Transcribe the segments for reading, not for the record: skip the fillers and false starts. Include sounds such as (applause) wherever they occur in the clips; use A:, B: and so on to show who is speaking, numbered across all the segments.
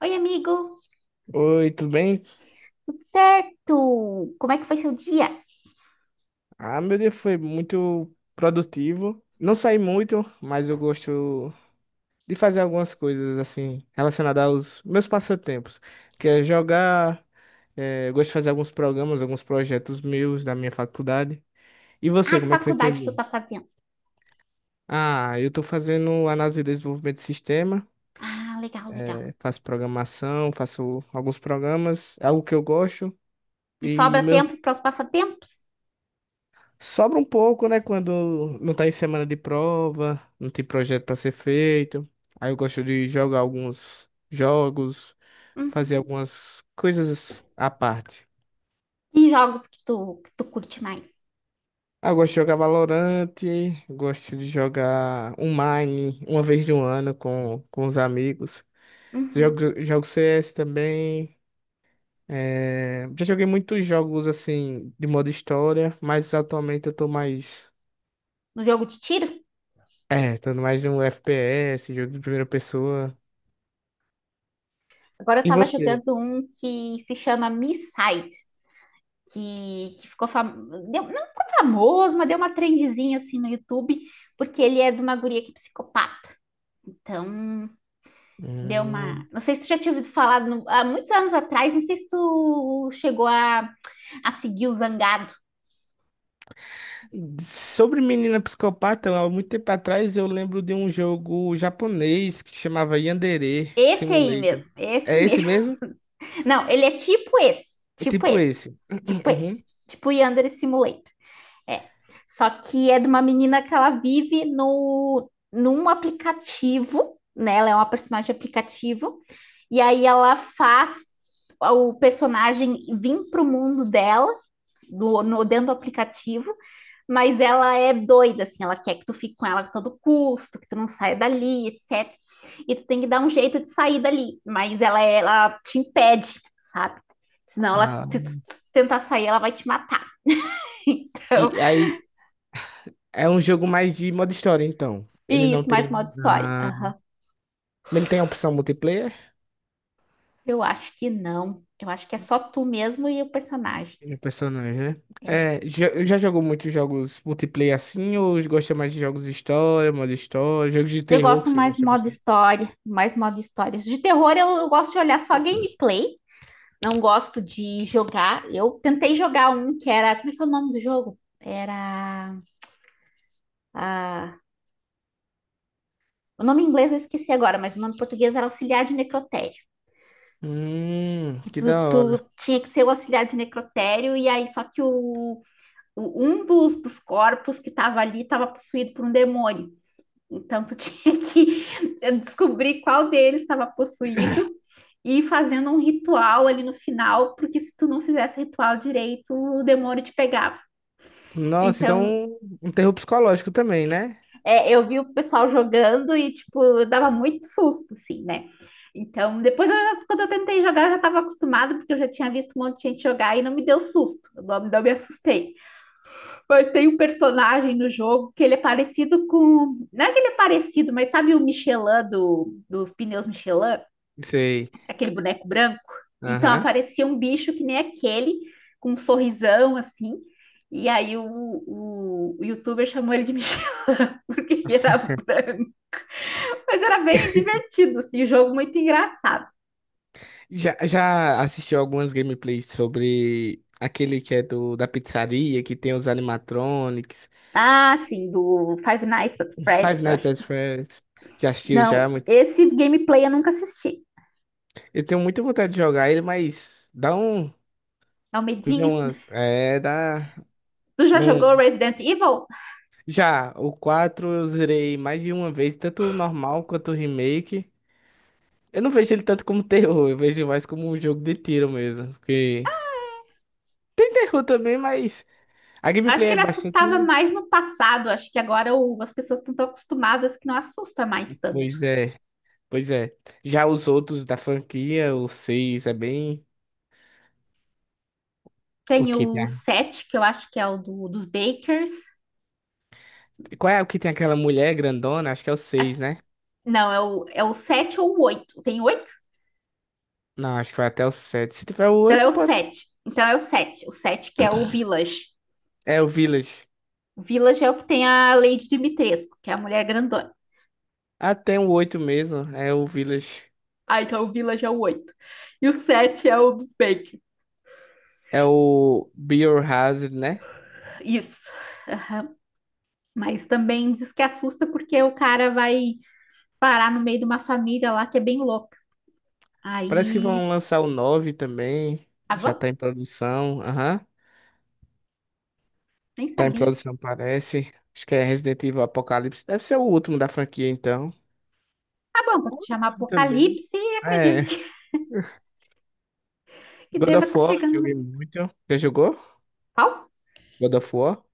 A: Oi, amigo,
B: Oi, tudo bem?
A: tudo certo? Como é que foi seu dia?
B: Ah, meu dia foi muito produtivo. Não saí muito, mas eu gosto de fazer algumas coisas assim relacionadas aos meus passatempos, que é jogar. Eu gosto de fazer alguns programas, alguns projetos meus da minha faculdade. E
A: Ah,
B: você,
A: que
B: como é que foi seu
A: faculdade tu
B: dia?
A: tá fazendo?
B: Ah, eu estou fazendo análise e desenvolvimento de sistema,
A: Ah, legal, legal.
B: faço programação, faço alguns programas, é algo que eu gosto.
A: E
B: E
A: sobra
B: meu
A: tempo para os passatempos?
B: Sobra um pouco, né? Quando não tá em semana de prova, não tem projeto pra ser feito. Aí eu gosto de jogar alguns jogos, fazer
A: Uhum.
B: algumas coisas à parte.
A: Que jogos que tu curte mais?
B: Ah, eu gosto de jogar Valorant, gosto de jogar um Mine uma vez de um ano com os amigos.
A: Uhum.
B: Jogo CS também. É, já joguei muitos jogos assim de modo história, mas atualmente eu tô mais.
A: No jogo de tiro?
B: É, tô mais num FPS, jogo de primeira pessoa.
A: Agora eu
B: E
A: tava
B: você?
A: jogando um que se chama Misside, que, que ficou fam... não ficou famoso, mas deu uma trendzinha assim no YouTube, porque ele é de uma guria que é psicopata. Então, deu uma.
B: Hum.
A: Não sei se tu já tinha ouvido falar há muitos anos atrás, não sei se tu chegou a seguir o Zangado.
B: Sobre menina psicopata, há muito tempo atrás eu lembro de um jogo japonês que chamava Yandere
A: Esse aí
B: Simulator.
A: mesmo, esse
B: É esse
A: mesmo.
B: mesmo?
A: (laughs) Não, ele é tipo esse,
B: É
A: tipo
B: tipo
A: esse,
B: esse. (clears throat)
A: tipo
B: Uhum.
A: esse, tipo Yandere Simulator. É. Só que é de uma menina que ela vive no, num aplicativo, né? Ela é uma personagem de aplicativo, e aí ela faz o personagem vir para o mundo dela, do, no, dentro do aplicativo. Mas ela é doida, assim, ela quer que tu fique com ela a todo custo, que tu não saia dali, etc. E tu tem que dar um jeito de sair dali, mas ela te impede, sabe? Senão,
B: Ah.
A: se tu tentar sair, ela vai te matar. (laughs) Então,
B: E aí é um jogo mais de modo história, então. Ele
A: e
B: não
A: isso, mais
B: tem.
A: modo história.
B: Ah.
A: Aham.
B: Mas ele tem a opção multiplayer?
A: Eu acho que não. Eu acho que é só tu mesmo e o personagem.
B: Tem personagem, né?
A: É.
B: É, já jogou muitos jogos multiplayer assim, ou gosta mais de jogos de história, modo história, jogos de
A: Eu
B: terror que
A: gosto
B: você
A: mais
B: gosta
A: modo
B: bastante?
A: história, mais modo histórias. De terror, eu gosto de olhar só gameplay. Não gosto de jogar. Eu tentei jogar um que era. Como é que é o nome do jogo? Era. ah, O nome em inglês eu esqueci agora, mas o nome em português era Auxiliar de Necrotério. E
B: Que
A: Tu,
B: da
A: tu
B: hora.
A: tinha que ser o auxiliar de necrotério, e aí só que um dos corpos que estava ali estava possuído por um demônio. Então tu (laughs) tinha que descobrir qual deles estava possuído e ir fazendo um ritual ali no final, porque se tu não fizesse ritual direito, o demônio te pegava.
B: Nossa,
A: Então,
B: então um terror psicológico também, né?
A: Eu vi o pessoal jogando e, tipo, dava muito susto, assim, né? Então, depois, quando eu tentei jogar, eu já estava acostumada, porque eu já tinha visto um monte de gente jogar e não me deu susto, eu não me assustei. Mas tem um personagem no jogo que ele é parecido com. Não é que ele é parecido, mas sabe o Michelin do, dos pneus Michelin?
B: Sei.
A: Aquele boneco branco? Então,
B: Aham.
A: aparecia um bicho que nem aquele, com um sorrisão assim. E aí, o youtuber chamou ele de Michelin, (laughs) porque ele era branco. Mas era bem divertido, assim, o jogo muito engraçado.
B: Já assistiu algumas gameplays sobre aquele que é da pizzaria, que tem os animatronics,
A: Ah, sim, do Five Nights at
B: Five
A: Freddy's, eu
B: Nights
A: acho
B: at
A: que.
B: Freddy's. Já assistiu
A: Não,
B: já, muito.
A: esse gameplay eu nunca assisti.
B: Eu tenho muita vontade de jogar ele, mas dá um.
A: É o
B: Vive
A: medinho.
B: umas. É, dá.
A: Tu já jogou
B: Não.
A: Resident Evil?
B: Já, o 4 eu zerei mais de uma vez, tanto o normal quanto o remake. Eu não vejo ele tanto como terror, eu vejo mais como um jogo de tiro mesmo. Porque eu também, mas a
A: Acho
B: gameplay
A: que
B: é
A: ele assustava
B: bastante.
A: mais no passado. Acho que agora as pessoas estão tão acostumadas que não assusta mais tanto.
B: Pois é, pois é. Já os outros da franquia, o 6 é bem. O
A: Tem
B: que tem?
A: o
B: A-
A: 7, que eu acho que é o dos Bakers.
B: qual é o que tem aquela mulher grandona? Acho que é o 6,
A: Aqui-
B: né?
A: não, é o, 7 ou o 8. Tem 8.
B: Não, acho que vai até o 7. Se tiver o
A: Então é
B: oito
A: o
B: pode.
A: 7. Então é o 7. O 7 que é o Village.
B: É o Village.
A: O Village é o que tem a Lady Dimitrescu, que é a mulher grandona.
B: Até o 8 mesmo. É o Village.
A: Ah, então o Village é o 8. E o 7 é o dos Bacon.
B: É o Biohazard, né?
A: Isso. Aham. Mas também diz que assusta porque o cara vai parar no meio de uma família lá que é bem louca.
B: Parece que
A: Aí.
B: vão lançar o 9 também.
A: Ah,
B: Já
A: vamos?
B: tá em produção. Aham.
A: Nem
B: Tá em
A: sabia.
B: produção, parece. Acho que é Resident Evil Apocalipse. Deve ser o último da franquia, então.
A: Ah, bom, pra se chamar
B: Online também.
A: Apocalipse,
B: Ah,
A: acredito
B: é,
A: que
B: God
A: deva
B: of
A: estar
B: War, eu
A: chegando no.
B: joguei muito. Já jogou?
A: Qual?
B: God of War?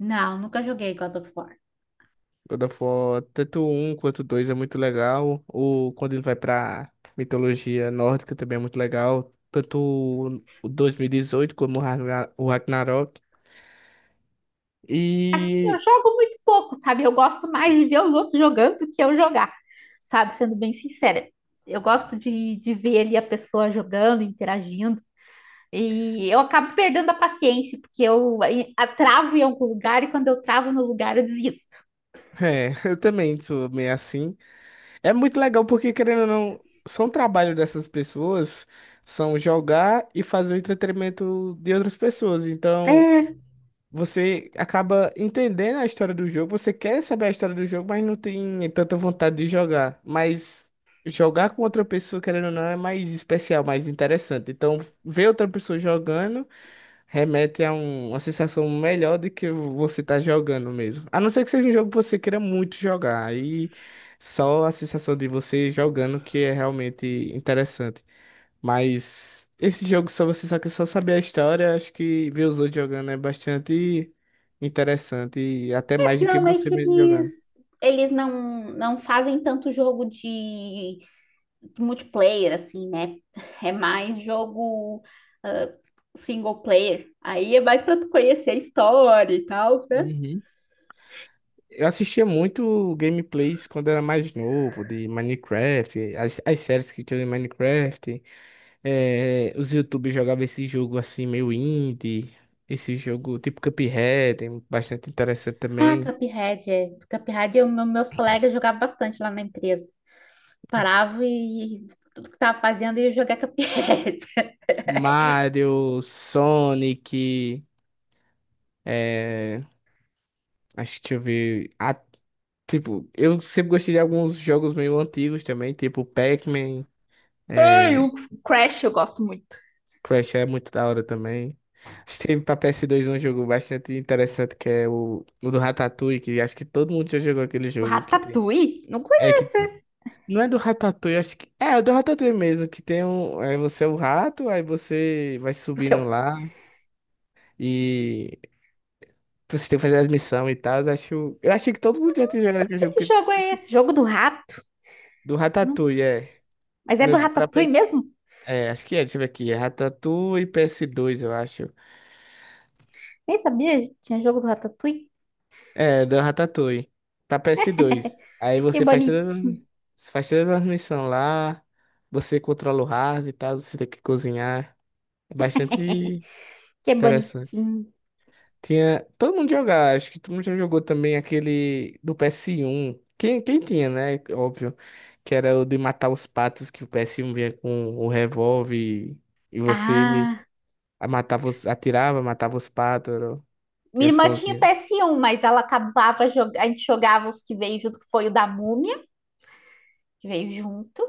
A: Não, nunca joguei God of War.
B: God of War, tanto um quanto dois é muito legal. O, quando ele vai pra mitologia nórdica também é muito legal. Tanto o 2018 como o Ragnarok.
A: Assim, eu
B: E
A: jogo muito pouco, sabe? Eu gosto mais de ver os outros jogando do que eu jogar, sabe? Sendo bem sincera. Eu gosto de ver ali a pessoa jogando, interagindo. E eu acabo perdendo a paciência, porque eu travo em algum lugar e quando eu travo no lugar eu desisto.
B: é, (laughs) eu também sou meio assim. É muito legal porque, querendo ou não, são trabalho dessas pessoas, são jogar e fazer o entretenimento de outras pessoas. Então.
A: É,
B: Você acaba entendendo a história do jogo, você quer saber a história do jogo, mas não tem tanta vontade de jogar. Mas jogar com outra pessoa, querendo ou não, é mais especial, mais interessante. Então, ver outra pessoa jogando remete a uma sensação melhor do que você tá jogando mesmo. A não ser que seja um jogo que você queira muito jogar, aí só a sensação de você jogando que é realmente interessante. Mas esse jogo, só você só que só saber a história, acho que ver os outros jogando é bastante interessante. E até mais do que você
A: geralmente
B: mesmo
A: eles,
B: jogando.
A: eles não, não fazem tanto jogo de multiplayer, assim, né? (laughs) É mais jogo ah, single player. Aí é mais pra tu conhecer a história e tal, né?
B: Uhum. Eu assistia muito gameplays quando era mais novo, de Minecraft, as séries que tinham de Minecraft. Os YouTubers jogavam esse jogo assim, meio indie. Esse jogo tipo Cuphead, bastante interessante
A: Ah,
B: também.
A: Cuphead, é. Cuphead, meus colegas jogavam bastante lá na empresa. Parava e tudo que tava fazendo ia jogar Cuphead. (laughs)
B: Mario, Sonic, eh, acho que deixa eu ver. Tipo, eu sempre gostei de alguns jogos meio antigos também, tipo Pac-Man,
A: E o
B: é, Crash é muito da hora também. Acho que teve pra PS2 um jogo bastante interessante que é o do Ratatouille, que acho que todo mundo já jogou aquele jogo que tem.
A: Ratatouille? Não
B: É que
A: conheço esse.
B: não é do Ratatouille, acho que é do Ratatouille mesmo, que tem um, é, você é o rato, aí você vai
A: O seu?
B: subindo lá
A: Não
B: e você tem que fazer as missões e tal. Acho, eu achei que todo mundo já tinha jogado aquele
A: sei
B: jogo
A: que
B: porque-
A: jogo é esse. Jogo do rato?
B: do
A: Não.
B: Ratatouille, é.
A: Mas é do
B: No- pra
A: Ratatouille mesmo?
B: é, acho que é, deixa eu ver aqui. É Ratatouille PS2, eu acho.
A: Nem sabia, gente. Tinha jogo do Ratatouille.
B: É, da Ratatouille. Pra PS2. Aí
A: Que
B: você faz todas, as-
A: bonitinho.
B: você faz todas as missões lá. Você controla o rato e tal. Você tem que cozinhar. É bastante
A: Que
B: interessante.
A: bonitinho.
B: Tinha. Todo mundo jogava, acho que todo mundo já jogou também aquele do PS1. Quem tinha, né? Óbvio. Que era o de matar os patos, que o PS1 vinha com o revólver e você me
A: Ah.
B: matava, os- atirava, matava os patos. Tem
A: Minha
B: o
A: irmã tinha
B: sonzinho.
A: PS1, mas ela acabava jogando. A gente jogava os que veio junto, que foi o da Múmia, que veio junto.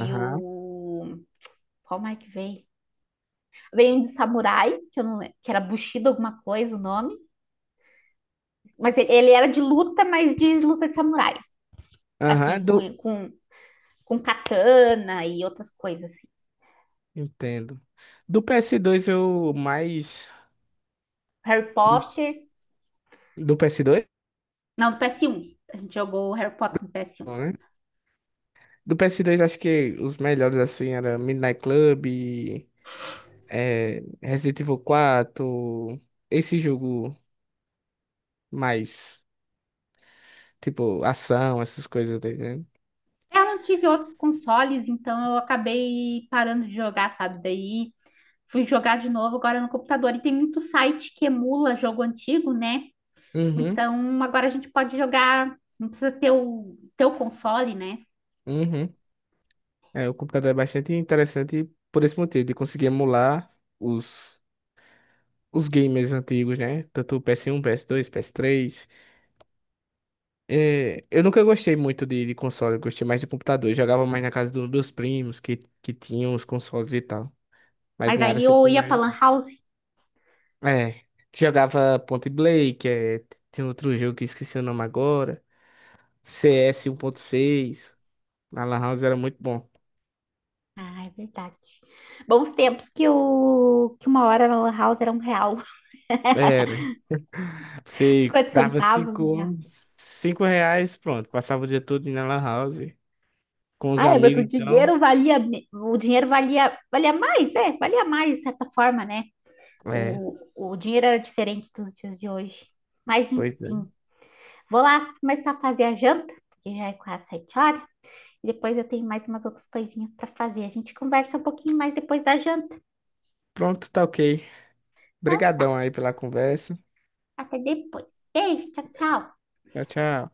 B: Aham.
A: Qual mais que veio? Veio um de samurai, que eu não lembro, que era Bushido alguma coisa o nome. Mas ele era de luta, mas de luta de samurais. Assim,
B: Aham,
A: com,
B: do.
A: com, com katana e outras coisas assim.
B: Entendo. Do PS2 eu mais.
A: Harry
B: Ux,
A: Potter.
B: do PS2?
A: Não, do PS1. A gente jogou Harry Potter no PS1.
B: Não, né? Do PS2 acho que os melhores assim era Midnight Club, é, Resident Evil 4, esse jogo mais tipo ação, essas coisas, tá entendendo?
A: Eu não tive outros consoles, então eu acabei parando de jogar, sabe? Daí fui jogar de novo agora no computador. E tem muito site que emula jogo antigo, né?
B: Uhum,
A: Então agora a gente pode jogar, não precisa ter o teu console, né?
B: uhum. É, o computador é bastante interessante por esse motivo, de conseguir emular os, os gamers antigos, né? Tanto o PS1, PS2, PS3. É, eu nunca gostei muito de console, eu gostei mais de computador. Eu jogava mais na casa dos meus primos, que tinham os consoles e tal. Mas
A: Mas
B: minha área
A: aí
B: sempre
A: eu
B: foi
A: ia pra
B: mais.
A: Lan House.
B: É, jogava Point Blank, é, tem outro jogo que eu esqueci o nome agora. CS seis, na Lan House era muito bom.
A: Ah, é verdade. Bons tempos que uma hora na Lan House era um real,
B: Era,
A: (laughs)
B: você
A: 50
B: dava
A: centavos, um real.
B: cinco reais, pronto, passava o dia todo na Lan House. Com os
A: Ah, é, mas o
B: amigos, então.
A: dinheiro valia, o dinheiro valia mais, é, valia mais de certa forma, né?
B: É,
A: O dinheiro era diferente dos dias de hoje. Mas
B: pois é.
A: enfim. Vou lá começar a fazer a janta, porque já é quase sete horas. E depois eu tenho mais umas outras coisinhas para fazer. A gente conversa um pouquinho mais depois da janta.
B: Pronto, tá ok.
A: Então
B: Obrigadão
A: tá,
B: aí pela conversa.
A: até depois. Beijo, tchau, tchau.
B: Tchau, tchau.